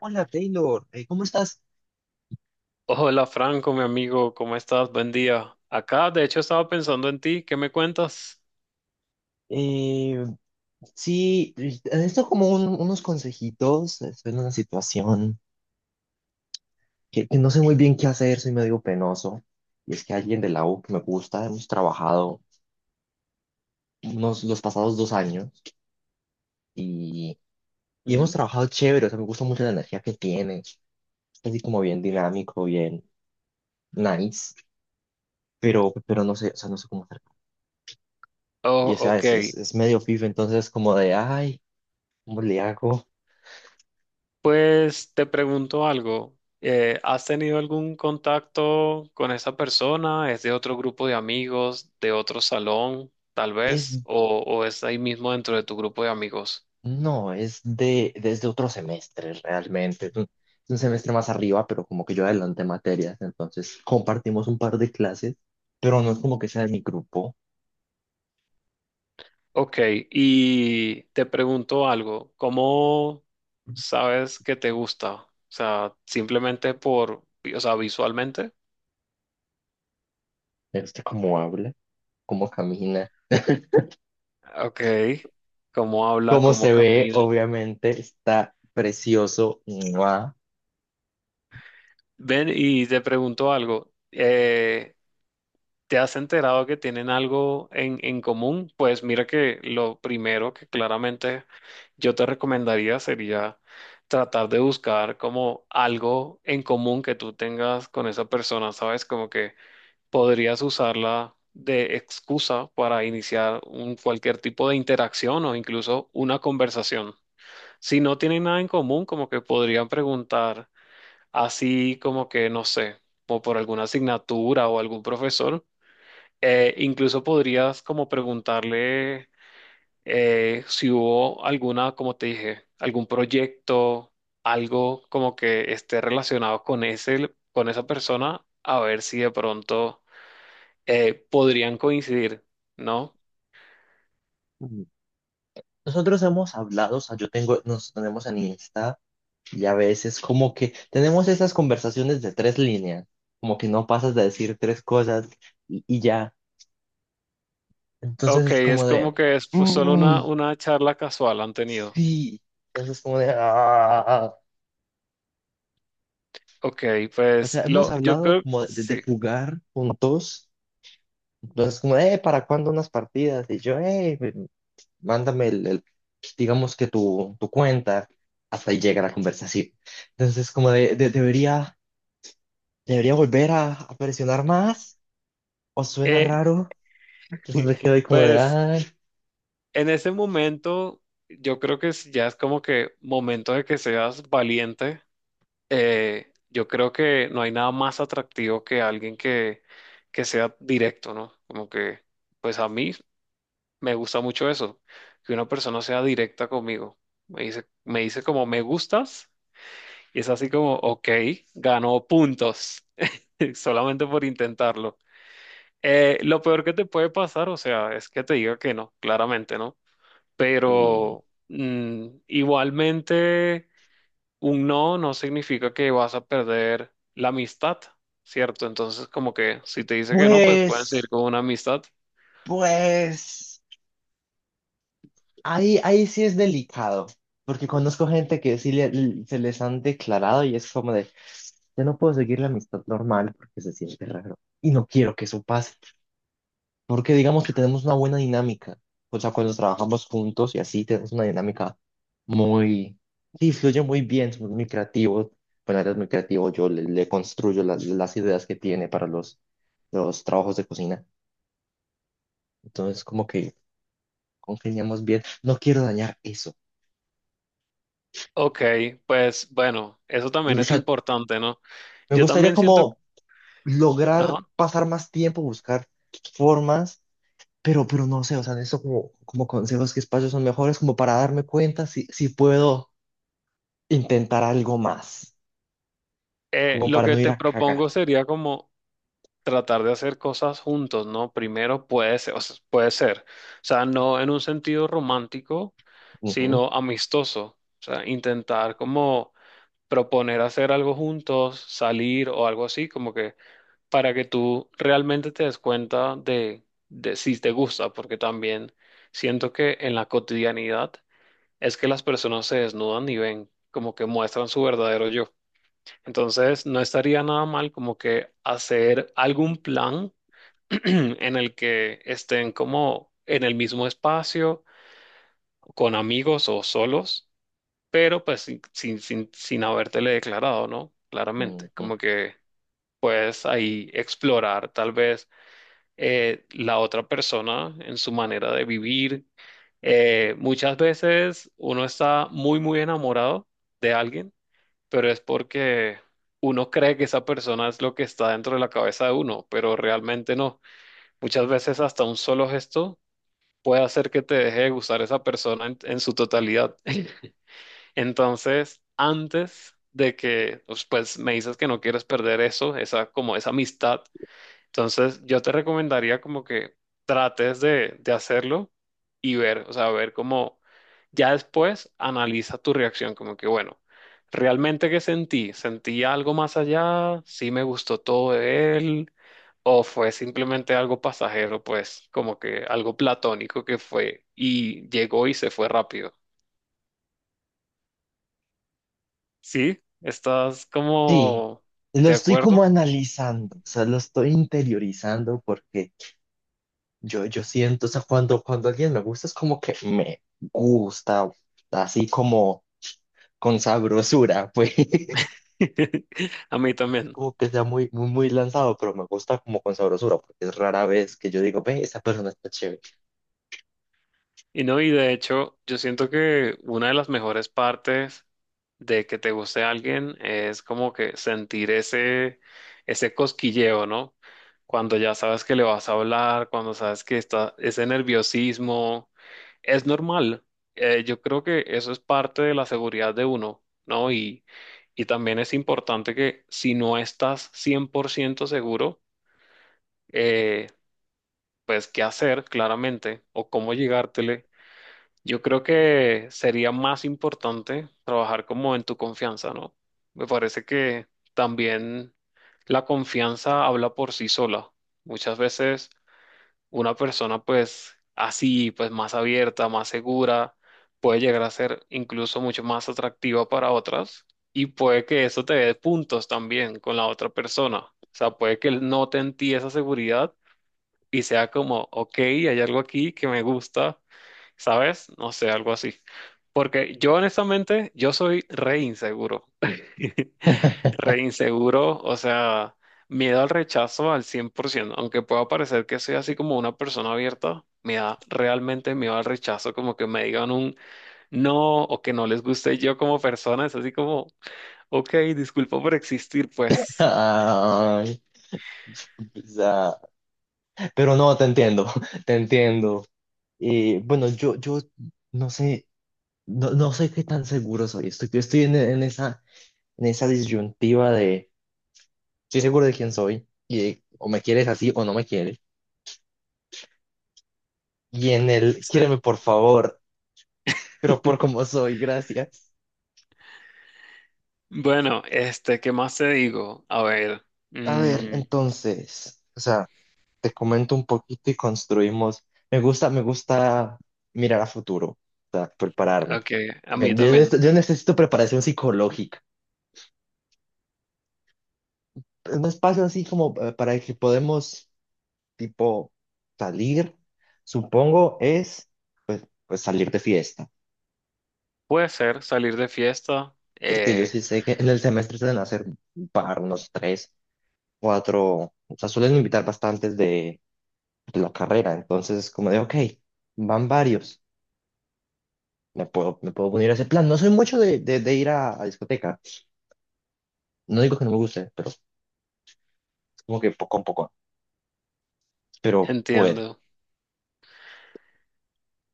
Hola Taylor. ¿Cómo estás? Hola Franco, mi amigo, ¿cómo estás? Buen día. Acá, de hecho, estaba pensando en ti, ¿qué me cuentas? Eh, sí, esto como unos consejitos, estoy en una situación que no sé muy bien qué hacer, soy medio penoso, y es que alguien de la U que me gusta, hemos trabajado unos, los pasados dos años y, y hemos Mm. trabajado chévere. O sea, me gusta mucho la energía que tiene, es así como bien dinámico, bien nice, pero no sé, o sea, no sé cómo hacer. Oh, Y o sea, ok. es medio pif, entonces como de, ay, ¿cómo le hago? Pues te pregunto algo. ¿Has tenido algún contacto con esa persona? ¿Es de otro grupo de amigos, de otro salón, tal Es vez? ¿O es ahí mismo dentro de tu grupo de amigos? No, es desde otro semestre realmente. Es un semestre más arriba, pero como que yo adelanté materias, entonces compartimos un par de clases, pero no es como que sea de mi grupo. Ok, y te pregunto algo. ¿Cómo sabes que te gusta? O sea, simplemente por, o sea, visualmente. Me gusta cómo habla, cómo camina, Ok, cómo habla, cómo cómo se ve, camina. obviamente, está precioso. ¡Mua! Ven y te pregunto algo. ¿Te has enterado que tienen algo en común? Pues mira que lo primero que claramente yo te recomendaría sería tratar de buscar como algo en común que tú tengas con esa persona, ¿sabes? Como que podrías usarla de excusa para iniciar un, cualquier tipo de interacción o incluso una conversación. Si no tienen nada en común, como que podrían preguntar así como que, no sé, o por alguna asignatura o algún profesor. Incluso podrías como preguntarle si hubo alguna, como te dije, algún proyecto, algo como que esté relacionado con ese, con esa persona, a ver si de pronto podrían coincidir, ¿no? Nosotros hemos hablado, o sea, yo tengo, nos tenemos en Insta y a veces como que tenemos esas conversaciones de tres líneas, como que no pasas de decir tres cosas y ya. Entonces Ok, es es como como de, que es pues, solo "Mm, una charla casual han tenido. sí". Entonces es como de, "Ah". Ok, O pues sea, hemos lo, yo hablado creo, como de sí. jugar juntos. Entonces como, ¿para cuándo unas partidas? Y yo, mándame digamos que tu cuenta. Hasta ahí llega la conversación. Entonces como de, debería, debería volver a presionar más. ¿O suena Eh, raro? Entonces me quedo ahí como de, pues ay. en ese momento, yo creo que ya es como que momento de que seas valiente. Yo creo que no hay nada más atractivo que alguien que sea directo, ¿no? Como que, pues a mí me gusta mucho eso, que una persona sea directa conmigo. Me dice como me gustas y es así como, ok, ganó puntos solamente por intentarlo. Lo peor que te puede pasar, o sea, es que te diga que no, claramente, ¿no? Y Pero igualmente, un no no significa que vas a perder la amistad, ¿cierto? Entonces, como que si te dice que no, pues pueden pues, seguir con una amistad. pues. Ahí sí es delicado, porque conozco gente que sí se les han declarado y es como de, yo no puedo seguir la amistad normal porque se siente raro y no quiero que eso pase, porque digamos que tenemos una buena dinámica, o sea, cuando trabajamos juntos y así tenemos una dinámica muy, sí, fluye muy bien, somos muy creativos, bueno, eres muy creativo, yo le construyo las ideas que tiene para los trabajos de cocina, entonces como que congeniamos bien, no quiero dañar eso. Ok, pues bueno, eso también O es sea, importante, ¿no? me Yo gustaría también siento, como lograr ajá, pasar más tiempo, buscar formas, pero no sé, o sea, eso como, como consejos que espacios son mejores, como para darme cuenta si puedo intentar algo más, como lo para que no ir te a propongo cagar. sería como tratar de hacer cosas juntos, ¿no? Primero puede ser, o sea, puede ser, o sea, no en un sentido romántico, Ujú, sino amistoso, o sea, intentar como proponer hacer algo juntos, salir o algo así, como que para que tú realmente te des cuenta de si te gusta, porque también siento que en la cotidianidad es que las personas se desnudan y ven, como que muestran su verdadero yo. Entonces, no estaría nada mal como que hacer algún plan en el que estén como en el mismo espacio, con amigos o solos, pero pues sin habértele declarado, ¿no? Claramente, ujú. como que puedes ahí explorar tal vez la otra persona en su manera de vivir. Muchas veces uno está muy, muy enamorado de alguien, pero es porque uno cree que esa persona es lo que está dentro de la cabeza de uno, pero realmente no. Muchas veces hasta un solo gesto puede hacer que te deje de gustar esa persona en su totalidad. Entonces, antes de que, pues, pues, me dices que no quieres perder eso, esa, como esa amistad, entonces yo te recomendaría como que trates de hacerlo y ver, o sea, ver cómo, ya después analiza tu reacción, como que, bueno, ¿realmente qué sentí? ¿Sentí algo más allá? ¿Sí me gustó todo de él? O fue simplemente algo pasajero, pues como que algo platónico que fue y llegó y se fue rápido. ¿Sí? ¿Estás Sí, como lo de estoy como acuerdo? analizando, o sea, lo estoy interiorizando porque yo siento, o sea, cuando alguien me gusta es como que me gusta, así como con sabrosura, pues. A mí No es también. como que sea muy, muy, muy lanzado, pero me gusta como con sabrosura, porque es rara vez que yo digo, ve, esa persona está chévere. Y no, y de hecho, yo siento que una de las mejores partes de que te guste alguien es como que sentir ese, ese cosquilleo, ¿no? Cuando ya sabes que le vas a hablar, cuando sabes que está ese nerviosismo, es normal. Yo creo que eso es parte de la seguridad de uno, ¿no? Y también es importante que si no estás 100% seguro, eh, pues qué hacer claramente o cómo llegártele yo creo que sería más importante trabajar como en tu confianza, ¿no? Me parece que también la confianza habla por sí sola. Muchas veces una persona pues así, pues más abierta, más segura, puede llegar a ser incluso mucho más atractiva para otras y puede que eso te dé puntos también con la otra persona. O sea, puede que él note en ti esa seguridad y sea como, ok, hay algo aquí que me gusta, ¿sabes? No sé, algo así. Porque yo honestamente, yo soy re inseguro. Re inseguro, o sea, miedo al rechazo al cien por ciento. Aunque pueda parecer que soy así como una persona abierta, me da realmente miedo al rechazo, como que me digan un no o que no les guste yo como persona. Es así como, ok, disculpa por existir, pues. Ay, quizá. Pero no, te entiendo, te entiendo. Y bueno, yo no sé, no, no sé qué tan seguro soy. Estoy, yo estoy en esa disyuntiva de, estoy seguro de quién soy, y de, o me quieres así o no me quieres. Y en el, quiéreme por favor, pero por cómo soy, gracias. Bueno, este, ¿qué más te digo? A ver, A ver, mm, entonces, o sea, te comento un poquito y construimos. Me gusta mirar a futuro, o sea, prepararme. ok, a mí Bien, yo, también. Yo necesito preparación psicológica. Un espacio así como para que podemos, tipo, salir, supongo, es pues salir de fiesta. Puede ser salir de fiesta, Porque yo sí sé que en el semestre suelen hacer un par, unos tres, cuatro, o sea, suelen invitar bastantes de la carrera. Entonces, como de, ok, van varios. Me puedo poner a ese plan. No soy mucho de, de ir a discoteca. No digo que no me guste, pero es como que poco a poco. Pero puedo. entiendo.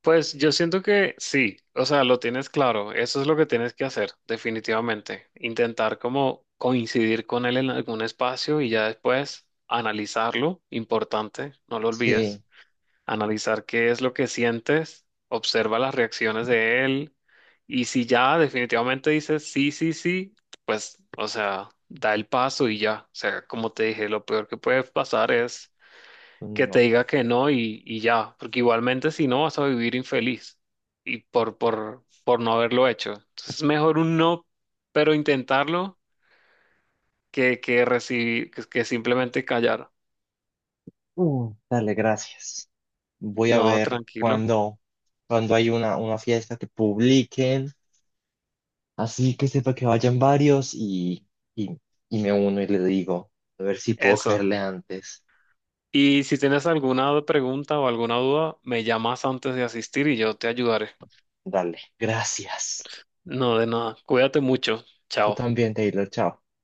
Pues yo siento que sí, o sea, lo tienes claro, eso es lo que tienes que hacer, definitivamente. Intentar como coincidir con él en algún espacio y ya después analizarlo, importante, no lo olvides. Sí, Analizar qué es lo que sientes, observa las reacciones de él y si ya definitivamente dices sí, sí, sí, pues, o sea, da el paso y ya. O sea, como te dije, lo peor que puede pasar es que te no. diga que no y, y ya, porque igualmente si no vas a vivir infeliz y por no haberlo hecho. Entonces es mejor un no, pero intentarlo que recibir, que simplemente callar. Mm, dale, gracias. Voy a No, ver tranquilo. cuando, cuando hay una fiesta que publiquen, así que sepa que vayan varios y, y me uno y le digo, a ver si puedo Eso. caerle antes. Y si tienes alguna pregunta o alguna duda, me llamas antes de asistir y yo te ayudaré. Dale, gracias. No, de nada. Cuídate mucho. Tú Chao. también, Taylor, chao.